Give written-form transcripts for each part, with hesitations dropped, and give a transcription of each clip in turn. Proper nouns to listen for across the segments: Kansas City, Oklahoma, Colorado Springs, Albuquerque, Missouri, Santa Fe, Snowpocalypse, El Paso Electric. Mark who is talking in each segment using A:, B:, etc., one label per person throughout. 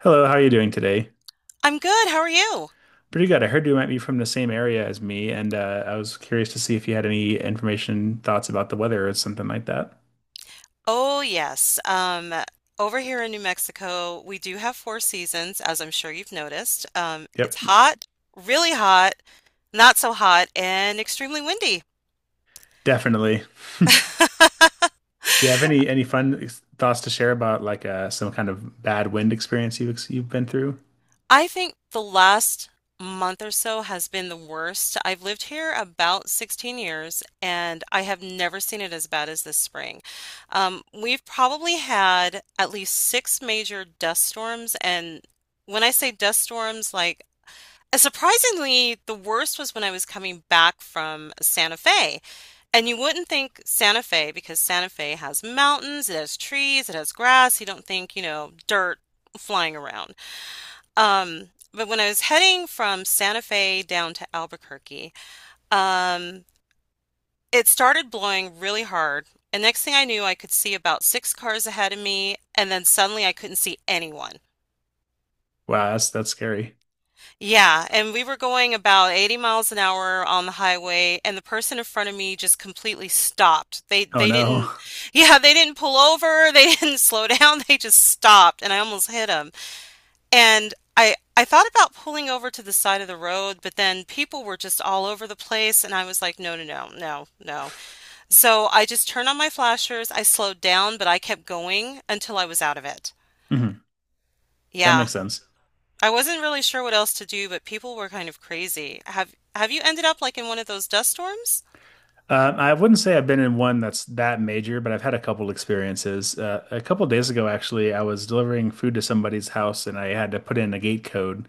A: Hello, how are you doing today?
B: I'm good. How are you?
A: Pretty good. I heard you might be from the same area as me, and I was curious to see if you had any information, thoughts about the weather or something like that.
B: Oh, yes. Over here in New Mexico, we do have four seasons, as I'm sure you've noticed. It's
A: Yep,
B: hot, really hot, not so hot, and extremely windy.
A: definitely. Do you have any fun thoughts to share about some kind of bad wind experience you've you've been through?
B: I think the last month or so has been the worst. I've lived here about 16 years, and I have never seen it as bad as this spring. We've probably had at least six major dust storms, and when I say dust storms, like surprisingly, the worst was when I was coming back from Santa Fe. And you wouldn't think Santa Fe, because Santa Fe has mountains, it has trees, it has grass. You don't think, dirt flying around. But when I was heading from Santa Fe down to Albuquerque, um, it started blowing really hard. And next thing I knew, I could see about six cars ahead of me, and then suddenly I couldn't see anyone.
A: Wow, that's scary.
B: Yeah, and we were going about 80 miles an hour on the highway, and the person in front of me just completely stopped. They
A: Oh
B: they
A: no.
B: didn't, yeah, they didn't pull over, they didn't slow down, they just stopped, and I almost hit them. And I thought about pulling over to the side of the road, but then people were just all over the place, and I was like, no, no, no, no, no. So I just turned on my flashers, I slowed down, but I kept going until I was out of it.
A: Mhm. That
B: Yeah,
A: makes sense.
B: I wasn't really sure what else to do, but people were kind of crazy. Have you ended up like in one of those dust storms?
A: I wouldn't say I've been in one that's that major, but I've had a couple experiences. A couple days ago, actually, I was delivering food to somebody's house, and I had to put in a gate code.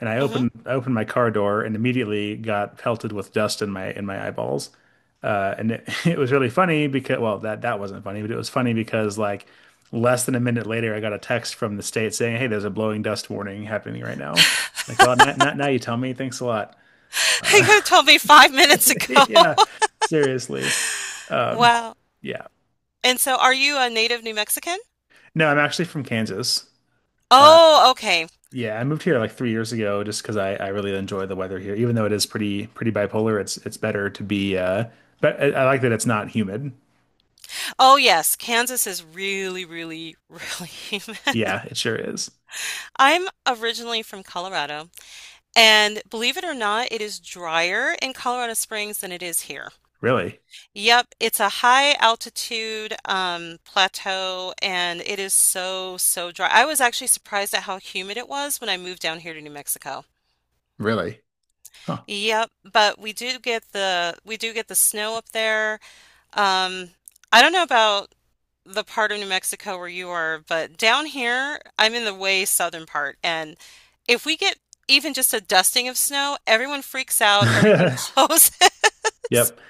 A: And
B: Hmm.
A: I opened my car door and immediately got pelted with dust in my eyeballs. It was really funny because well, that wasn't funny, but it was funny because like less than a minute later, I got a text from the state saying, "Hey, there's a blowing dust warning happening right now." Like, well, not now you tell me. Thanks a lot. Uh,
B: You told me 5 minutes ago.
A: yeah, seriously. Um,
B: Wow.
A: yeah.
B: And so are you a native New Mexican?
A: No, I'm actually from Kansas. Uh,
B: Oh, okay.
A: yeah, I moved here like 3 years ago just because I really enjoy the weather here. Even though it is pretty bipolar, it's better to be but I like that it's not humid.
B: Oh, yes. Kansas is really, really, really.
A: Yeah, it sure is.
B: I'm originally from Colorado, and believe it or not, it is drier in Colorado Springs than it is here.
A: Really?
B: Yep, it's a high altitude plateau, and it is so, so dry. I was actually surprised at how humid it was when I moved down here to New Mexico.
A: Really? Huh.
B: Yep, but we do get the snow up there. Um, I don't know about the part of New Mexico where you are, but down here, I'm in the way southern part, and if we get even just a dusting of snow, everyone freaks out, everything closes.
A: Yep.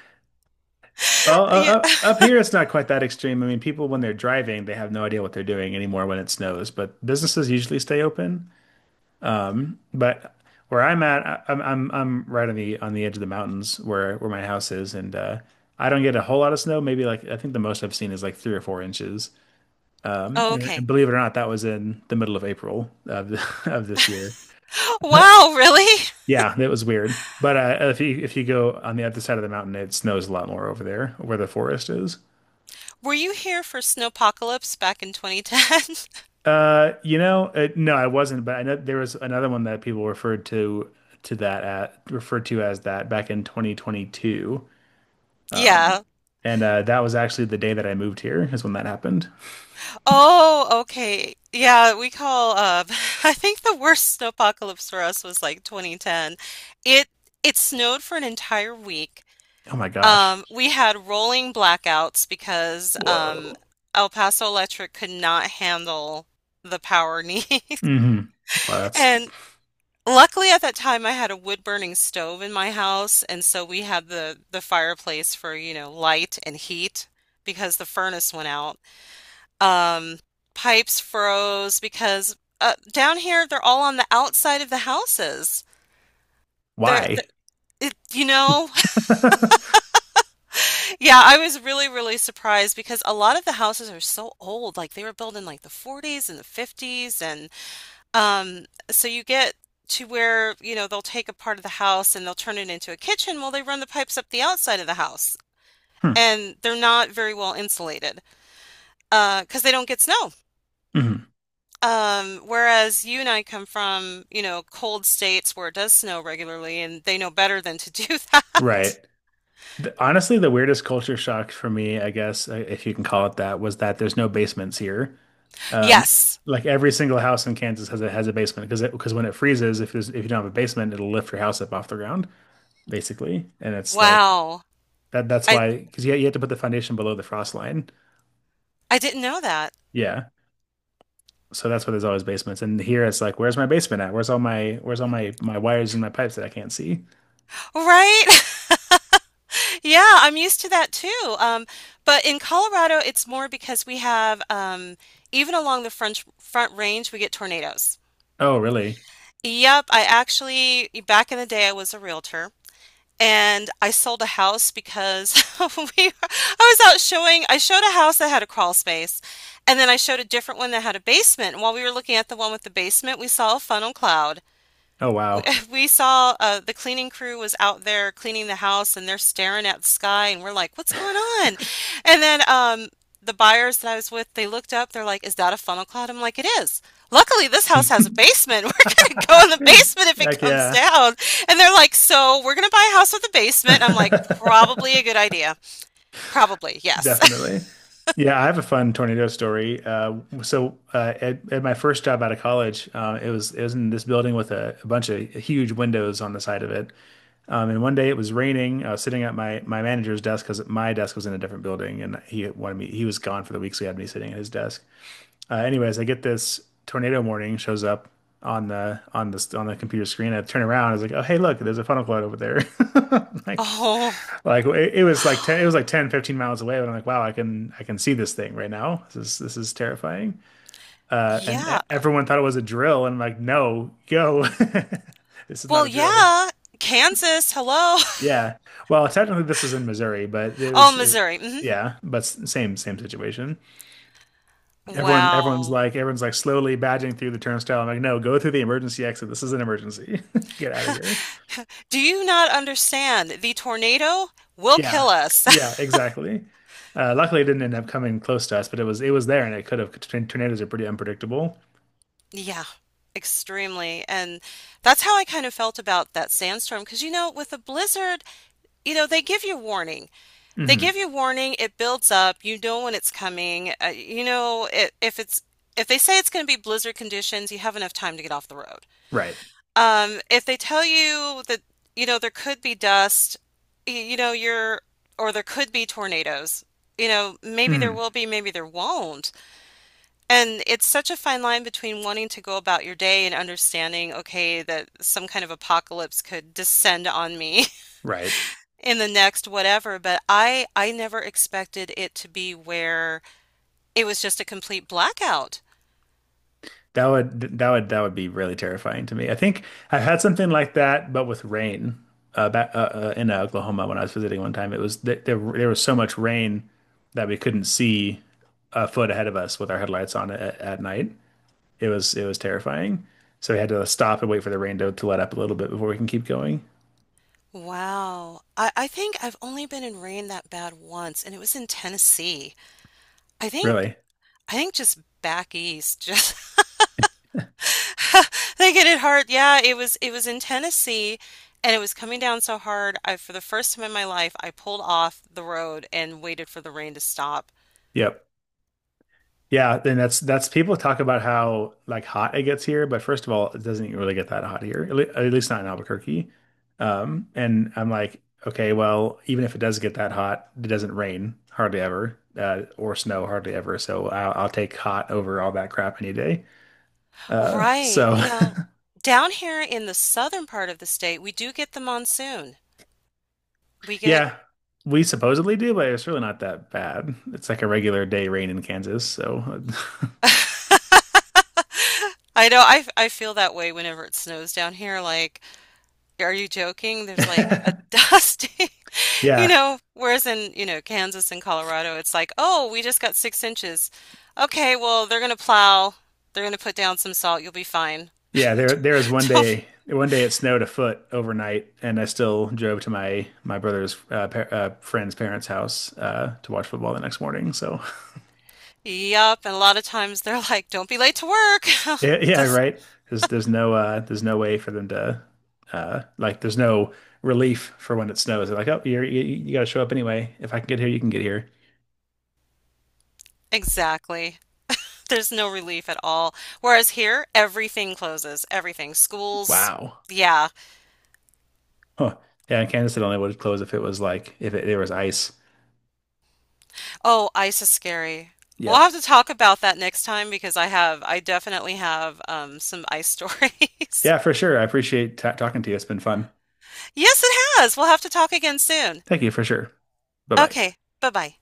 A: Well,
B: Yeah.
A: up here it's not quite that extreme. I mean, people when they're driving, they have no idea what they're doing anymore when it snows, but businesses usually stay open. But where I'm at, I'm right on the edge of the mountains where my house is, and I don't get a whole lot of snow. Maybe like I think the most I've seen is like 3 or 4 inches. Um,
B: Oh,
A: and, and
B: okay.
A: believe it or not, that was in the middle of April of this year.
B: Wow, really?
A: Yeah, that was weird. But if you go on the other side of the mountain, it snows a lot more over there where the forest is.
B: Were you here for Snowpocalypse back in 2010?
A: No, I wasn't, but I know there was another one that people referred to as that back in 2022. Um,
B: Yeah.
A: and that was actually the day that I moved here is when that happened.
B: Oh, okay. Yeah, we call I think the worst snowpocalypse for us was like 2010. It it snowed for an entire week.
A: Oh my gosh.
B: We had rolling blackouts because
A: Whoa.
B: El Paso Electric could not handle the power needs.
A: Hmm. Wow, that's
B: And luckily, at that time, I had a wood burning stove in my house, and so we had the fireplace for, light and heat, because the furnace went out. Um, Pipes froze because down here they're all on the outside of the houses. They're,
A: why.
B: it, yeah, I was really, really surprised because a lot of the houses are so old. Like they were built in like the 40s and the 50s, and so you get to where, they'll take a part of the house and they'll turn it into a kitchen. Well, they run the pipes up the outside of the house,
A: Hmm.
B: and they're not very well insulated, because they don't get snow.
A: Mhm.
B: Whereas you and I come from, cold states where it does snow regularly and they know better than to do that.
A: Right. The- honestly, the weirdest culture shock for me, I guess, if you can call it that, was that there's no basements here. Um,
B: Yes.
A: like every single house in Kansas has a basement because when it freezes, if you don't have a basement, it'll lift your house up off the ground basically, and it's like
B: Wow.
A: that. That's
B: I
A: why, because you have to put the foundation below the frost line.
B: I didn't know that.
A: Yeah. So that's why there's always basements. And here it's like, where's my basement at? Where's all my wires and my pipes that I can't see?
B: Right? Yeah, I'm used to that too. But in Colorado, it's more because we have even along the front range, we get tornadoes.
A: Oh, really?
B: Yep, I actually back in the day I was a realtor, and I sold a house because we I was out showing I showed a house that had a crawl space, and then I showed a different one that had a basement. And while we were looking at the one with the basement, we saw a funnel cloud.
A: Oh,
B: We
A: wow.
B: We saw the cleaning crew was out there cleaning the house, and they're staring at the sky, and we're like, what's going on? And then the buyers that I was with, they looked up, they're like, is that a funnel cloud? I'm like, it is. Luckily, this house has a basement. We're going to go in the basement if it
A: Heck
B: comes
A: yeah.
B: down. And they're like, so we're going to buy a house with a basement. I'm like, probably a good idea. Probably, yes.
A: Definitely. Yeah, I have a fun tornado story. At my first job out of college, it was in this building with a bunch of huge windows on the side of it. And One day it was raining. I was sitting at my manager's desk because my desk was in a different building, and he wanted me. He was gone for the week, so he had me sitting at his desk. Anyways, I get this tornado warning shows up on the computer screen. I turn around, I was like, "Oh, hey, look, there's a funnel cloud over there." Like,
B: Oh,
A: it was like 10 it was like 10, 15 miles away, but I'm like, "Wow, I can see this thing right now. This is terrifying."
B: yeah.
A: Everyone thought it was a drill, and I'm like, "No, go. This is not
B: Well,
A: a drill."
B: yeah. Kansas, hello.
A: Yeah. Well, technically this was in Missouri, but it
B: Oh,
A: was
B: Missouri. Hmm.
A: yeah, but same situation.
B: Wow.
A: Everyone's like slowly badging through the turnstile. I'm like, no, go through the emergency exit. This is an emergency. Get out of here.
B: Do you not understand? The tornado will
A: Yeah,
B: kill
A: yeah,
B: us.
A: exactly. Luckily, it didn't end up coming close to us, but it was there, and it could have. Tornadoes are pretty unpredictable.
B: Yeah, extremely. And that's how I kind of felt about that sandstorm. Because, with a blizzard, they give you warning. They give
A: Hmm.
B: you warning. It builds up. You know when it's coming. You know, I if it's, if they say it's going to be blizzard conditions, you have enough time to get off the road.
A: Right.
B: If they tell you that, there could be dust, y- you know, you're, or there could be tornadoes, maybe there
A: Hmm.
B: will be, maybe there won't. And it's such a fine line between wanting to go about your day and understanding, okay, that some kind of apocalypse could descend on me
A: Right.
B: in the next whatever, but I never expected it to be where it was just a complete blackout.
A: That would be really terrifying to me. I think I've had something like that, but with rain back in Oklahoma when I was visiting one time. It was th there was so much rain that we couldn't see a foot ahead of us with our headlights on at night. It was terrifying. So we had to stop and wait for the rain to let up a little bit before we can keep going.
B: Wow. I think I've only been in rain that bad once, and it was in Tennessee. I think
A: Really?
B: I think just back east, just they get it hard. Yeah, it was in Tennessee, and it was coming down so hard. I For the first time in my life, I pulled off the road and waited for the rain to stop.
A: Yep. Yeah, then that's people talk about how like hot it gets here, but first of all, it doesn't really get that hot here, at least not in Albuquerque. And I'm like, okay, well, even if it does get that hot, it doesn't rain hardly ever, or snow hardly ever. So I'll take hot over all that crap any day. Uh,
B: Right.
A: so
B: Now, down here in the southern part of the state, we do get the monsoon. We get.
A: yeah, we supposedly do, but it's really not that bad. It's like a regular day rain in Kansas. So
B: I know, I feel that way whenever it snows down here. Like, are you joking? There's like a dusting.
A: yeah.
B: Whereas in, Kansas and Colorado, it's like, oh, we just got 6 inches. Okay, well, they're going to plow. They're going to put down some salt. You'll be fine.
A: Yeah, there was
B: Don't,
A: one day it snowed a foot overnight, and I still drove to my brother's par friend's parents' house to watch football the next morning. So
B: yup. And a lot of times they're like, don't be late to work.
A: yeah,
B: It
A: yeah,
B: just,
A: right. There's no there's no way for them to like there's no relief for when it snows. They're like, oh, you got to show up anyway. If I can get here, you can get here.
B: exactly. There's no relief at all. Whereas here, everything closes, everything. Schools,
A: Wow.
B: yeah.
A: Huh. Yeah, and Kansas City only would close if it was like if it, there was ice.
B: Oh, ice is scary. We'll
A: Yep.
B: have to talk about that next time because I definitely have some ice stories.
A: Yeah, for sure. I appreciate ta talking to you. It's been fun.
B: Yes, it has. We'll have to talk again soon.
A: Thank you for sure. Bye bye.
B: Okay, bye bye.